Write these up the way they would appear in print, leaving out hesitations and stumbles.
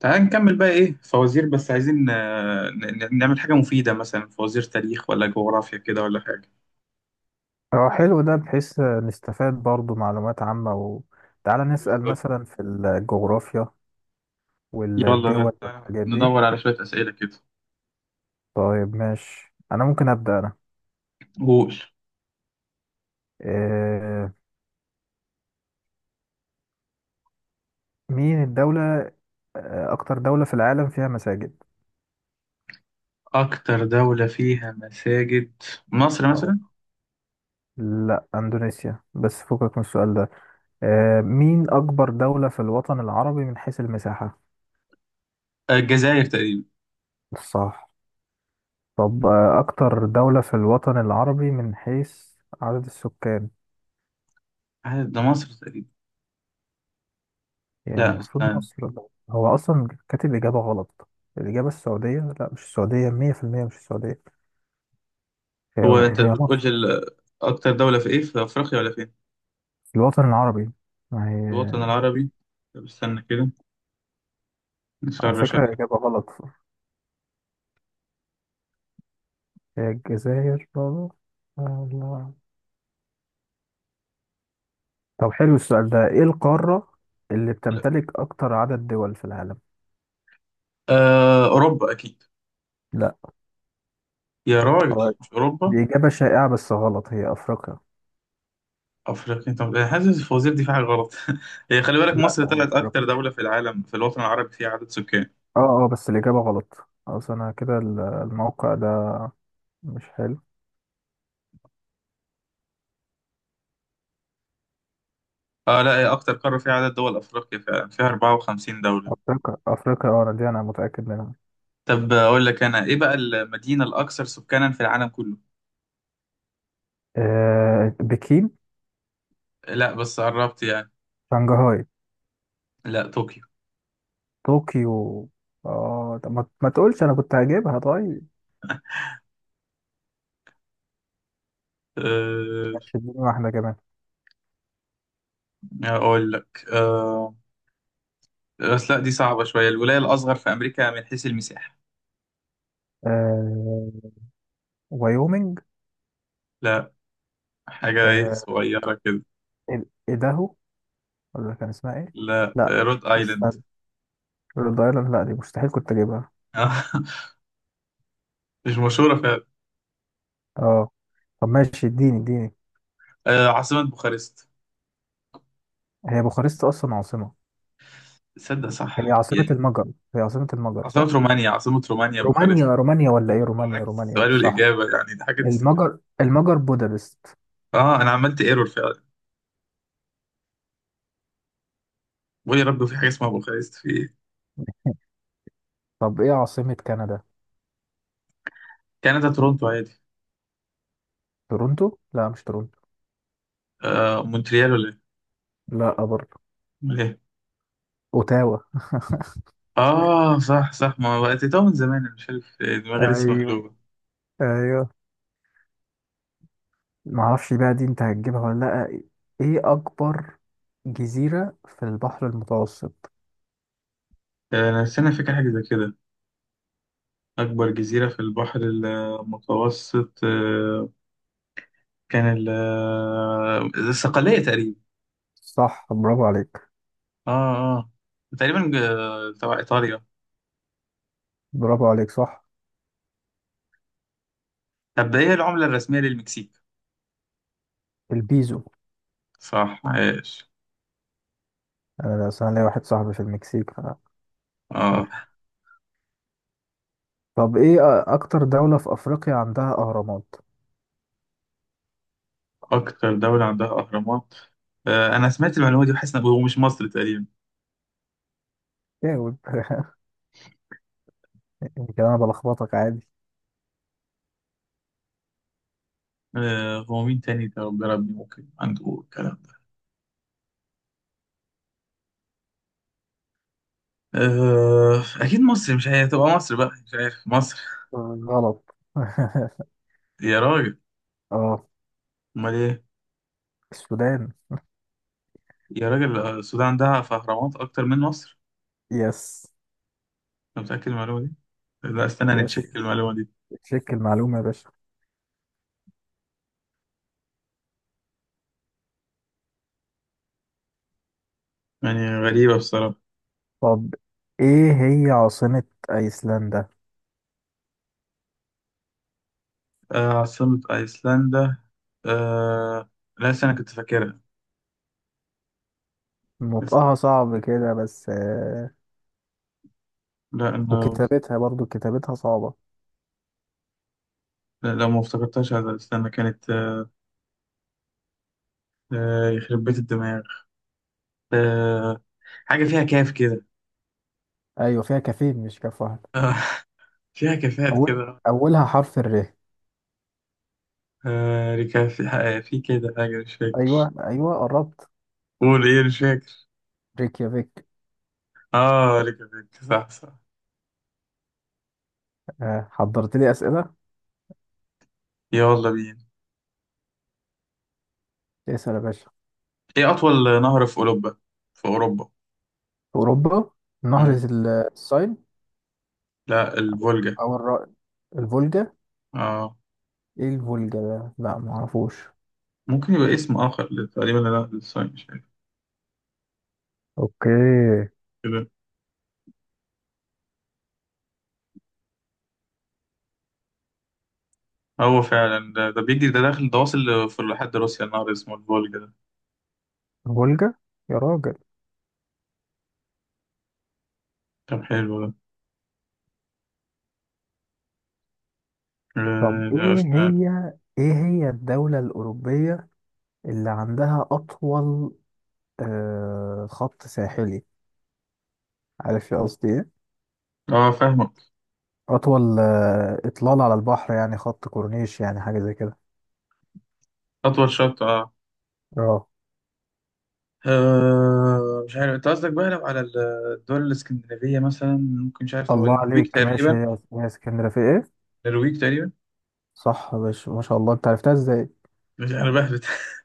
تعال نكمل بقى، ايه فوازير، بس عايزين نعمل حاجة مفيدة، مثلا فوازير تاريخ، ولا جغرافيا كده، ولا حاجة. اه، حلو ده بحيث نستفاد برضو معلومات عامة. وتعالى نسأل بالظبط. مثلا في الجغرافيا يلا والدول تعال والحاجات دي. ندور على شوية أسئلة كده. طيب ماشي، أنا ممكن أبدأ أنا. قول. آه، مين الدولة أكتر دولة في العالم فيها مساجد؟ أكتر دولة فيها مساجد؟ مصر اه مثلا. لا، أندونيسيا، بس فكك من السؤال ده. مين أكبر دولة في الوطن العربي من حيث المساحة؟ الجزائر تقريبا. صح. طب أكتر دولة في الوطن العربي من حيث عدد السكان. ده مصر تقريبا. يعني لا المفروض استنى. مصر. هو أصلا كاتب إجابة غلط. الإجابة السعودية، لا مش السعودية، مية في المية مش السعودية هي. هو أنت هي بتقولش مصر. أكتر دولة في ايه، في أفريقيا ولا فين؟ الوطن العربي، ما الوطن هي. العربي. طب استنى كده، على نسرش عليه. فكرة إجابة غلط، هي الجزائر برضه. الله. طب حلو السؤال ده، إيه القارة اللي لا بتمتلك أكتر عدد دول في العالم؟ أوروبا أكيد. لا. يا راجل هو مش أوروبا. دي إجابة شائعة بس غلط، هي أفريقيا. افريقيا. طب حاسس الفوازير دي في حاجه غلط. هي خلي بالك، لا مصر طلعت اكتر أفريقيا، دوله في العالم في الوطن العربي فيها عدد سكان. اه اه، بس الإجابة غلط. أصل أنا كده الموقع ده مش حلو. اه لا، هي اكتر قاره فيها عدد دول افريقيا، فعلا فيها 54 دوله. أفريقيا أفريقيا، اه أنا دي أنا متأكد منها. طب اقول لك انا، ايه بقى المدينه الاكثر سكانا في العالم كله؟ آه بكين. لا بس قربت يعني. شنغهاي. لا، طوكيو. طوكيو. اه طب ما تقولش، انا كنت هجيبها. طيب أه. ماشي، اديني واحدة كمان. اقول لك أه، بس لا دي صعبه شويه، الولايه الاصغر في امريكا من حيث المساحه. آه وايومنج. لا، حاجه ايه آه، صغيره كده. ايداهو، ولا كان اسمها ايه؟ لا، لا رود ايلاند. استنى، رhode ايلاند، لا دي مستحيل كنت اجيبها. مش مشهوره فعلا. اه طب ماشي، اديني. عاصمه بوخارست. هي بوخارست اصلا عاصمة؟ تصدق هي صح عاصمة يعني. المجر. هي عاصمة المجر عاصمة صح؟ رومانيا، عاصمة رومانيا رومانيا بوخارست. رومانيا، ولا ايه؟ هو رومانيا عكس رومانيا السؤال صح. والإجابة يعني، دي حاجة تستفاد. المجر المجر بودابست. اه أنا عملت ايرور فعلا. بقول يا رب، في حاجة اسمها بوخارست في إيه؟ طب ايه عاصمة كندا؟ كندا تورونتو عادي. تورونتو؟ لا مش تورونتو. آه مونتريال ولا إيه؟ لا برضه. أمال إيه؟ اوتاوا. اه صح صح، ما بقت من زمان أنا مش عارف، دماغي لسه ايوه مقلوبة. ايوه. ما اعرفش بقى دي انت هتجيبها ولا لا. ايه اكبر جزيرة في البحر المتوسط؟ أنا استنى فاكر حاجة زي كده. أكبر جزيرة في البحر المتوسط آه، كان الصقلية تقريبا. صح، برافو عليك. اه اه، تقريبا تبع إيطاليا. برافو عليك صح. طب ايه العملة الرسمية للمكسيك؟ البيزو. صح عايش. انا أصل انا ليا واحد صاحبي في المكسيك ف... اه طب ايه، اكتر دولة في افريقيا عندها اهرامات؟ اكتر دولة عندها اهرامات؟ آه انا سمعت المعلومة دي، وحاسس ان هو مش مصر تقريبا. جاوب. يمكن انا بلخبطك، عادي. آه هو مين تاني ده، ربنا ربي ممكن عنده الكلام ده. آه اكيد مصر، مش هي تبقى مصر بقى، مش عارف مصر. غلط. يا راجل اه، امال ايه؟ السودان. يا راجل، السودان عندها في اهرامات اكتر من مصر؟ يس. أنت متأكد من المعلومة دي؟ لا استنى، نتشيك يس، المعلومة دي. تشيك المعلومة يا باشا. يعني غريبة بصراحة. طب ايه هي عاصمة ايسلندا؟ آه عاصمة ايسلندا. آه لا استنى، كنت فاكرها. نطقها صعب كده، بس لا أنا. وكتابتها برضو، كتابتها صعبة. لا لا، ما افتكرتهاش، هذا استنى كانت يخرب بيت الدماغ. آه، حاجة فيها كاف كده. ايوه فيها كافين مش كاف واحد. آه، فيها كافات اول، كده. اولها حرف الر. ركاف، في كده حاجة مش فاكر. ايوه ايوه، قربت. قول إيه، مش فاكر. ريكيافيك. آه ركافات، صح صح. حضرت لي اسئلة. يلا بينا. اسأل يا باشا. إيه أطول نهر في أوروبا؟ في أوروبا. اوروبا، نهر مم. الساين. لا، الفولجا او الر- الفولجا؟ آه. ايه الفولجا ده، لا معرفوش. ممكن يبقى اسم آخر تقريبا، لا للصين مش فاكر اوكي. كده. هو فعلا ده بيجري، ده داخل ده، واصل في لحد روسيا، النهر اسمه الفولجا ده. الفولجا، يا راجل. طب حلو ده. طب ايه أسنان. هي، ايه هي الدولة الأوروبية اللي عندها أطول خط ساحلي، عارف يا قصدي إيه؟ اه فاهمك. أطول إطلالة على البحر، يعني خط كورنيش، يعني حاجة زي كده. أطول شط اه. اه. مش عارف انت قصدك بقى، لو على الدول الاسكندنافية مثلا ممكن، مش عارف، هو الله النرويج عليك ماشي، تقريبا. هي هي اسكندرية في إيه؟ النرويج تقريبا. صح يا باشا، ما شاء الله، أنت عرفتها إزاي؟ مش انا بهبت.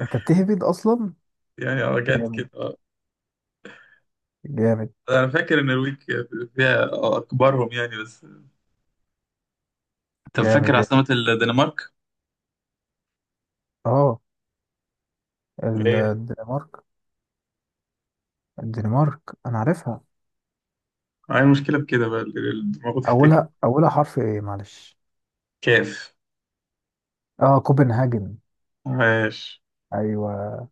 أنت بتهبد أصلا؟ يعني اه جت جامد. كده اه. جامد. انا فاكر إن النرويج فيها اكبرهم يعني بس. طب فاكر جامد يا اسطى. عاصمة الدنمارك؟ اه، ايه. الدنمارك. الدنمارك أنا عارفها. هاي المشكلة بكده بقى، المفروض تفتكر. أولها حرف إيه معلش؟ كاف. اه كوبنهاجن. عاش. أيوه.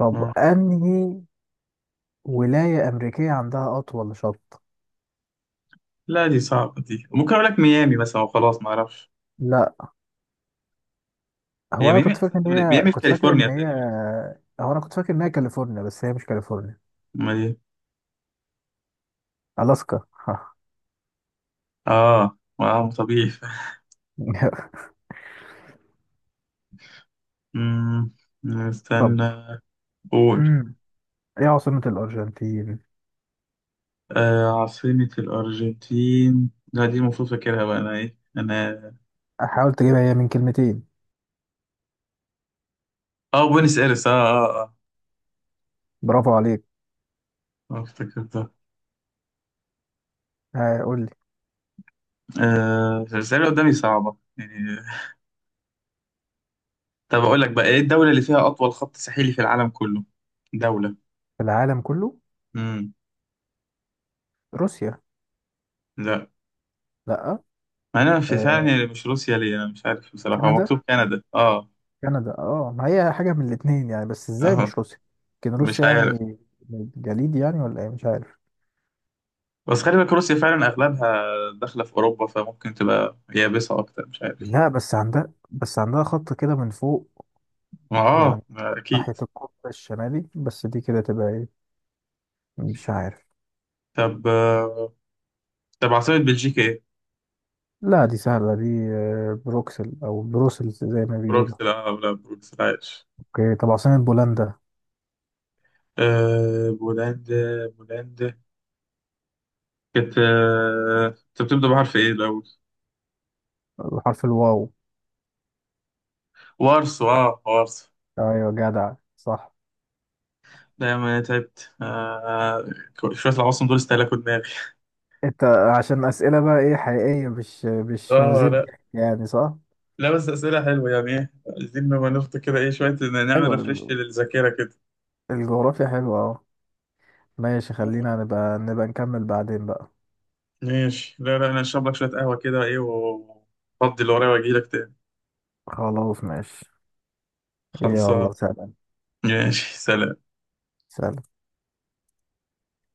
طب آه. أنهي ولاية أمريكية عندها أطول شط؟ لا دي صعبة، دي ممكن اقول لك ميامي مثلا وخلاص ما اعرفش. لا. هو هي انا ميامي، كنت اصلا فاكر ان هي، ميامي في كنت فاكر كاليفورنيا ان هي، تقريبا. هو انا كنت فاكر ان هي كاليفورنيا، بس هي مش كاليفورنيا. ما دي. الاسكا. اه طبيعي. أمم، طب استنى. قول. امم، ايه عاصمة الارجنتين؟ عاصمة الأرجنتين، لا دي المفروض فاكرها بقى أنا، إيه أنا؟ حاول تجيبها، هي من كلمتين. آه بوينس إيرس. برافو عليك. افتكرتها. قول لي. آه الأسئلة قدامي صعبة يعني. طب أقول لك بقى، إيه الدولة اللي فيها أطول خط ساحلي في العالم كله؟ دولة. في العالم كله؟ امم روسيا. لا، لا. ما أنا في فعلا آه، يعني مش روسيا، ليه أنا مش عارف بصراحة، هو كندا. مكتوب كندا آه. كندا اه، ما هي حاجة من الاتنين يعني، بس ازاي آه مش روسيا؟ كان مش روسيا عارف. يعني. جليد يعني ولا ايه، مش عارف. بس خلي بالك روسيا فعلا اغلبها داخله في اوروبا، فممكن تبقى يابسه اكتر، مش عارف. لا بس عندها، بس عندها خط كده من فوق ما يعني، اه ما ناحية اكيد. القطب الشمالي، بس دي كده تبقى ايه، مش عارف. طب آه، طب عاصمه بلجيكا ايه؟ لا دي سهلة دي، بروكسل أو بروسلز زي ما بيقولوا. بروكسل اه، لا بروكسل عايش. اوكي طب عاصمة بولندا. آه بولندا، بولندا كانت انت بتبدا بحرف ايه الاول؟ بحرف الواو. وارسو اه وارسو. ايوه جدع، صح. دايما تعبت آه، شويه العواصم دول استهلكوا دماغي. انت عشان أسئلة بقى ايه حقيقية، مش اه فوازير لا، ضحك يعني، صح. لا بس اسئله حلوه يعني، ايه عايزين نبقى نفط كده ايه شويه نعمل حلو. ريفرش للذاكره كده. الجغرافيا حلوة، اه. ماشي، آه. خلينا نبقى، نكمل بعدين بقى. ماشي، لا لا، انا اشرب لك شويه قهوه كده ايه، وافضي اللي ورايا واجي لك تاني. خلاص ماشي. خلصان. يلا سلام. ماشي. سلام. سلام.